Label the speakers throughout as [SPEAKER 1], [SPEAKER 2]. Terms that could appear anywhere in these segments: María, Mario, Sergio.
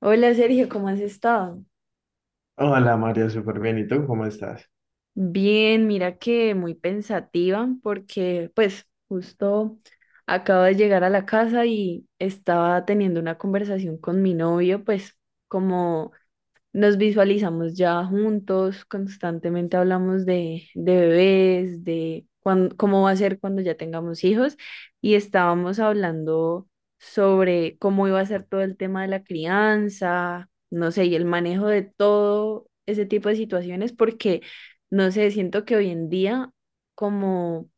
[SPEAKER 1] Hola, Sergio, ¿cómo has estado?
[SPEAKER 2] Hola Mario, súper bien. ¿Y tú cómo estás?
[SPEAKER 1] Bien, mira que muy pensativa porque pues justo acabo de llegar a la casa y estaba teniendo una conversación con mi novio, pues como nos visualizamos ya juntos. Constantemente hablamos de bebés, de cómo va a ser cuando ya tengamos hijos. Y estábamos hablando sobre cómo iba a ser todo el tema de la crianza, no sé, y el manejo de todo ese tipo de situaciones, porque, no sé, siento que hoy en día, como,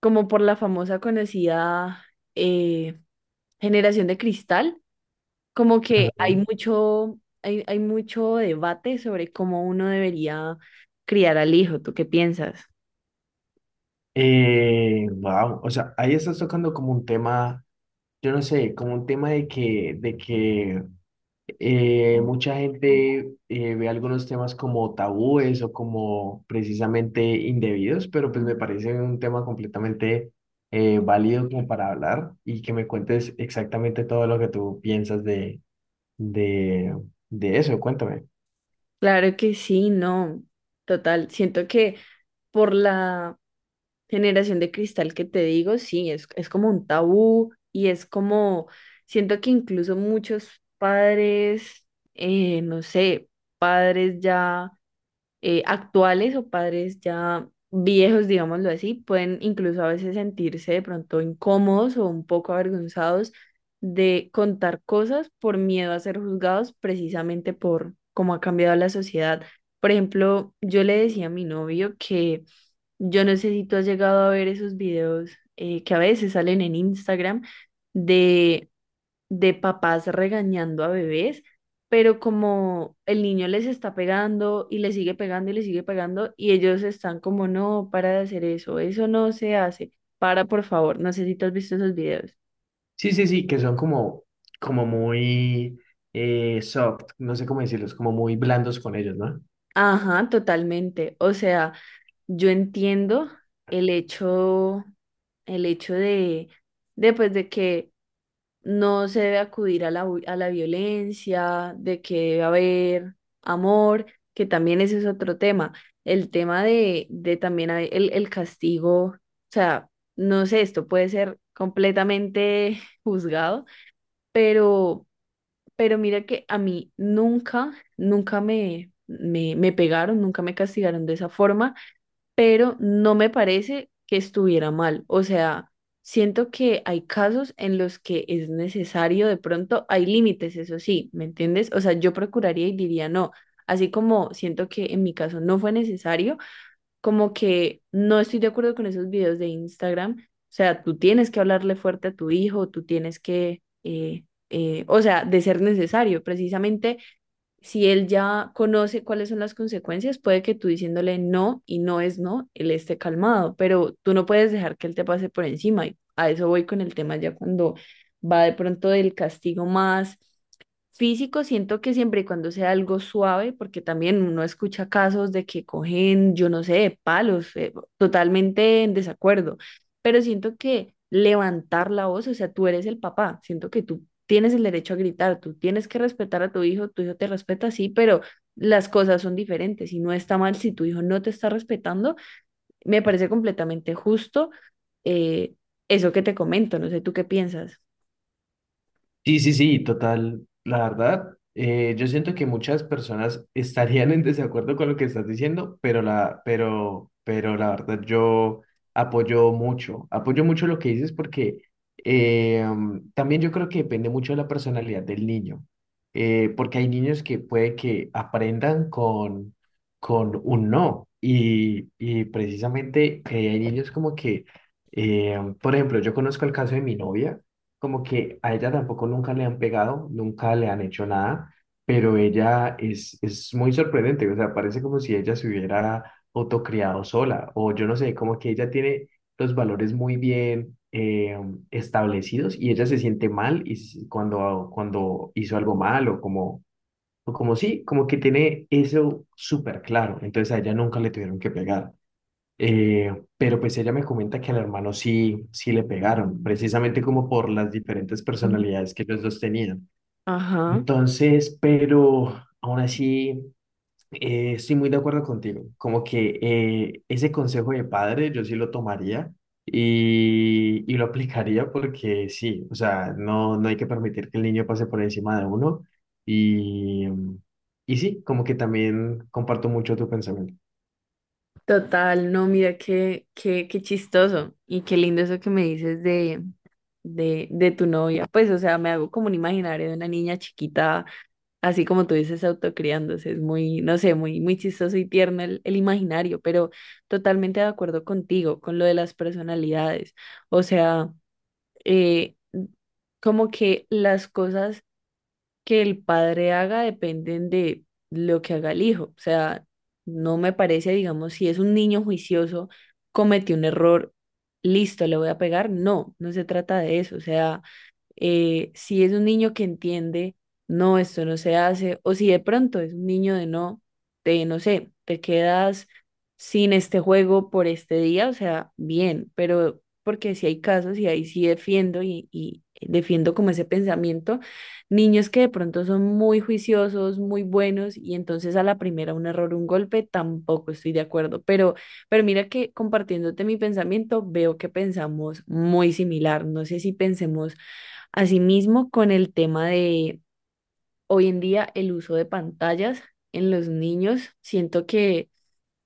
[SPEAKER 1] como por la famosa conocida, eh, generación de cristal, como que hay
[SPEAKER 2] Ujú.
[SPEAKER 1] mucho, hay, hay mucho debate sobre cómo uno debería criar al hijo. ¿Tú qué piensas?
[SPEAKER 2] Wow, o sea, ahí estás tocando como un tema, yo no sé, como un tema de que mucha gente ve algunos temas como tabúes o como precisamente indebidos, pero pues me parece un tema completamente válido como para hablar y que me cuentes exactamente todo lo que tú piensas de, de eso. Cuéntame.
[SPEAKER 1] Claro que sí, no. Total, siento que por la generación de cristal que te digo, sí, es como un tabú, y es como, siento que incluso muchos padres, no sé, padres ya actuales, o padres ya viejos, digámoslo así, pueden incluso a veces sentirse de pronto incómodos o un poco avergonzados de contar cosas por miedo a ser juzgados, precisamente por cómo ha cambiado la sociedad. Por ejemplo, yo le decía a mi novio que yo no sé si tú has llegado a ver esos videos que a veces salen en Instagram, de papás regañando a bebés, pero como el niño les está pegando y le sigue pegando y le sigue pegando, y ellos están como, no, para de hacer eso, eso no se hace, para, por favor. No sé si tú has visto esos videos.
[SPEAKER 2] Sí, sí, sí, que son como, como muy soft, no sé cómo decirlos, como muy blandos con ellos, ¿no?
[SPEAKER 1] Ajá, totalmente. O sea, yo entiendo el hecho, el hecho pues, de que no se debe acudir a la, a la violencia, de que debe haber amor, que también ese es otro tema. El tema de, también hay el castigo, o sea, no sé, esto puede ser completamente juzgado, pero, mira que a mí nunca me pegaron, nunca me castigaron de esa forma, pero no me parece que estuviera mal. O sea, siento que hay casos en los que es necesario, de pronto hay límites, eso sí, ¿me entiendes? O sea, yo procuraría y diría no. Así como siento que en mi caso no fue necesario, como que no estoy de acuerdo con esos videos de Instagram. O sea, tú tienes que hablarle fuerte a tu hijo, tú tienes que, o sea, de ser necesario, precisamente si él ya conoce cuáles son las consecuencias, puede que tú diciéndole no y no es no, él esté calmado, pero tú no puedes dejar que él te pase por encima. Y a eso voy con el tema ya cuando va de pronto del castigo más físico. Siento que siempre y cuando sea algo suave, porque también uno escucha casos de que cogen, yo no sé, palos, totalmente en desacuerdo, pero siento que levantar la voz, o sea, tú eres el papá, siento que tú tienes el derecho a gritar, tú tienes que respetar a tu hijo te respeta, sí, pero las cosas son diferentes, y no está mal si tu hijo no te está respetando. Me parece completamente justo eh, eso que te comento, no sé. ¿Tú qué piensas?
[SPEAKER 2] Sí, sí, sí, total. La verdad, yo siento que muchas personas estarían en desacuerdo con lo que estás diciendo, pero la verdad yo apoyo mucho lo que dices porque también yo creo que depende mucho de la personalidad del niño, porque hay niños que puede que aprendan con un no y precisamente hay niños como que, por ejemplo, yo conozco el caso de mi novia como que a ella tampoco nunca le han pegado, nunca le han hecho nada, pero ella es muy sorprendente, o sea, parece como si ella se hubiera autocriado sola, o yo no sé, como que ella tiene los valores muy bien establecidos y ella se siente mal y cuando, cuando hizo algo mal o como sí, como que tiene eso súper claro, entonces a ella nunca le tuvieron que pegar. Eh, pero pues ella me comenta que al hermano sí, sí le pegaron, precisamente como por las diferentes
[SPEAKER 1] Ujú.
[SPEAKER 2] personalidades que los dos tenían.
[SPEAKER 1] Ajá.
[SPEAKER 2] Entonces, pero aún así, estoy muy de acuerdo contigo, como que ese consejo de padre yo sí lo tomaría y lo aplicaría porque sí, o sea, no, no hay que permitir que el niño pase por encima de uno y, y sí, como que también comparto mucho tu pensamiento.
[SPEAKER 1] Total, no, mira qué chistoso y qué lindo eso que me dices de, de tu novia. Pues, o sea, me hago como un imaginario de una niña chiquita, así como tú dices, autocriándose. Es muy, no sé, muy, muy chistoso y tierno el imaginario, pero totalmente de acuerdo contigo, con lo de las personalidades. O sea, eh, como que las cosas que el padre haga dependen de lo que haga el hijo. O sea, no me parece, digamos, si es un niño juicioso, cometió un error, listo, le voy a pegar. No, no se trata de eso. O sea, si es un niño que entiende, no, esto no se hace, o si de pronto es un niño de no sé, te quedas sin este juego por este día, o sea, bien, pero porque si hay casos, y ahí sí defiendo y defiendo como ese pensamiento. Niños que de pronto son muy juiciosos, muy buenos, y entonces a la primera un error, un golpe, tampoco estoy de acuerdo, pero, mira que compartiéndote mi pensamiento, veo que pensamos muy similar, no sé si pensemos asimismo, con el tema de hoy en día el uso de pantallas en los niños. Siento que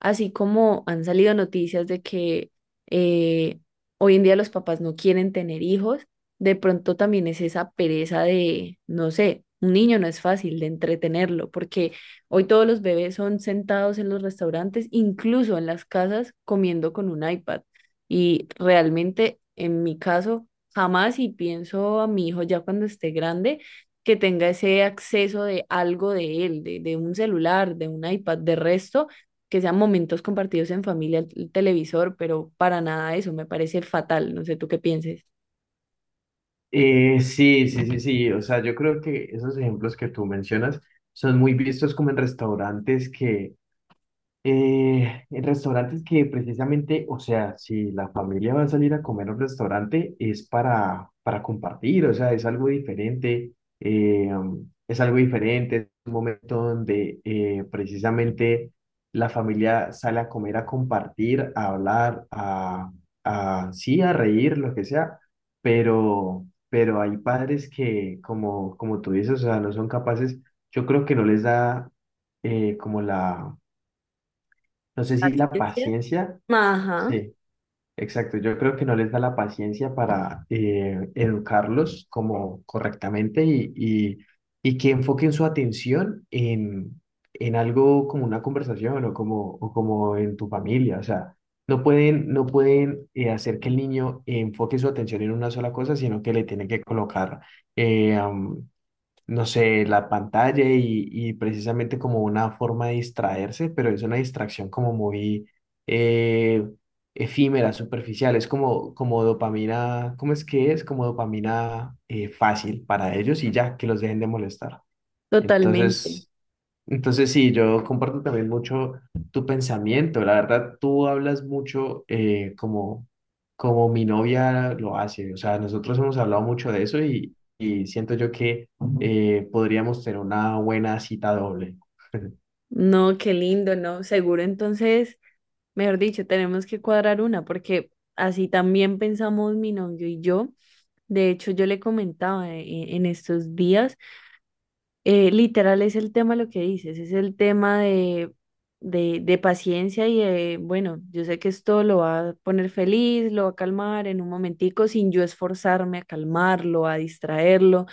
[SPEAKER 1] así como han salido noticias de que eh, hoy en día los papás no quieren tener hijos, de pronto también es esa pereza de, no sé, un niño no es fácil de entretenerlo, porque hoy todos los bebés son sentados en los restaurantes, incluso en las casas, comiendo con un iPad. Y realmente, en mi caso, jamás, y pienso a mi hijo ya cuando esté grande, que tenga ese acceso de algo de él, de, un celular, de un iPad. De resto, que sean momentos compartidos en familia, el televisor, pero para nada eso, me parece fatal. No sé tú qué pienses.
[SPEAKER 2] Sí, sí, sí, sí. O sea, yo creo que esos ejemplos que tú mencionas son muy vistos como en restaurantes que en restaurantes que precisamente, o sea, si la familia va a salir a comer a un restaurante es para compartir, o sea, es algo diferente, eh, es algo diferente, es un momento donde precisamente la familia sale a comer, a compartir, a hablar, sí, a reír, lo que sea, pero hay padres que, como, como tú dices, o sea, no son capaces, yo creo que no les da como la no sé si la
[SPEAKER 1] Paciencia.
[SPEAKER 2] paciencia,
[SPEAKER 1] Ajá,
[SPEAKER 2] sí, exacto. Yo creo que no les da la paciencia para educarlos como correctamente y que enfoquen su atención en algo como una conversación o como en tu familia. O sea, no pueden, no pueden hacer que el niño enfoque su atención en una sola cosa, sino que le tienen que colocar eh, am, no sé, la pantalla y precisamente como una forma de distraerse, pero es una distracción como muy eh, efímera, superficial, es como, como dopamina, ¿cómo es que es? Como dopamina fácil para ellos y ya, que los dejen de molestar.
[SPEAKER 1] totalmente.
[SPEAKER 2] Entonces, entonces, sí, yo comparto también mucho tu pensamiento. La verdad, tú hablas mucho como, como mi novia lo hace. O sea, nosotros hemos hablado mucho de eso y siento yo que podríamos tener una buena cita doble.
[SPEAKER 1] No, qué lindo, ¿no? Seguro entonces, mejor dicho, tenemos que cuadrar una, porque así también pensamos mi novio y yo. De hecho, yo le comentaba en estos días. Literal es el tema lo que dices, es el tema de, paciencia, y de, bueno, yo sé que esto lo va a poner feliz, lo va a calmar en un momentico sin yo esforzarme a calmarlo, a distraerlo.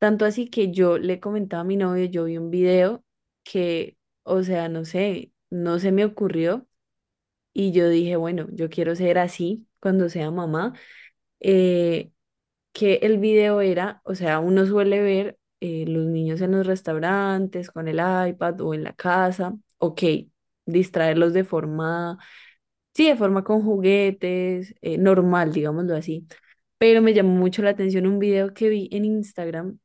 [SPEAKER 1] Tanto así que yo le comentaba a mi novio, yo vi un video que, o sea, no sé, no se me ocurrió, y yo dije, bueno, yo quiero ser así cuando sea mamá. Eh, que el video era, o sea, uno suele ver los niños en los restaurantes, con el iPad o en la casa, ok, distraerlos de forma, sí, de forma con juguetes, normal, digámoslo así, pero me llamó mucho la atención un video que vi en Instagram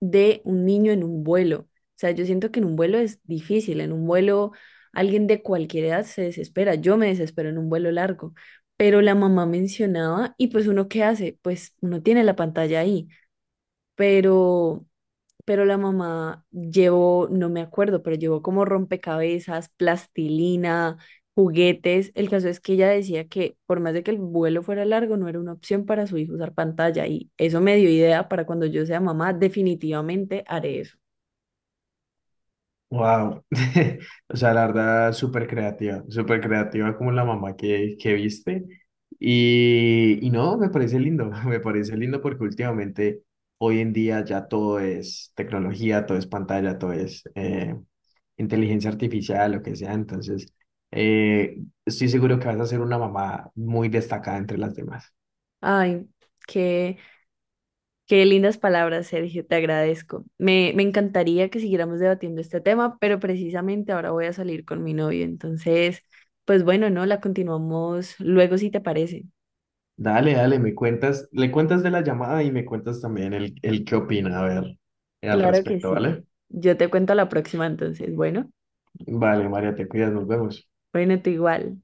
[SPEAKER 1] de un niño en un vuelo. O sea, yo siento que en un vuelo es difícil, en un vuelo alguien de cualquier edad se desespera, yo me desespero en un vuelo largo, pero la mamá mencionaba y pues uno qué hace, pues uno tiene la pantalla ahí, pero, la mamá llevó, no me acuerdo, pero llevó como rompecabezas, plastilina, juguetes. El caso es que ella decía que por más de que el vuelo fuera largo, no era una opción para su hijo usar pantalla, y eso me dio idea para cuando yo sea mamá, definitivamente haré eso.
[SPEAKER 2] Wow. O sea, la verdad, súper creativa como la mamá que viste. Y no, me parece lindo, me parece lindo porque últimamente, hoy en día ya todo es tecnología, todo es pantalla, todo es inteligencia artificial, lo que sea. Entonces, eh, estoy seguro que vas a ser una mamá muy destacada entre las demás.
[SPEAKER 1] Ay, qué, qué lindas palabras, Sergio, te agradezco. Me encantaría que siguiéramos debatiendo este tema, pero precisamente ahora voy a salir con mi novio, entonces. Pues bueno, no, la continuamos luego si te parece.
[SPEAKER 2] Dale, dale, me cuentas, le cuentas de la llamada y me cuentas también el qué opina, a ver, al
[SPEAKER 1] Claro que
[SPEAKER 2] respecto,
[SPEAKER 1] sí.
[SPEAKER 2] ¿vale?
[SPEAKER 1] Yo te cuento la próxima entonces. Bueno,
[SPEAKER 2] Vale, María, te cuidas, nos vemos.
[SPEAKER 1] bueno, tú igual.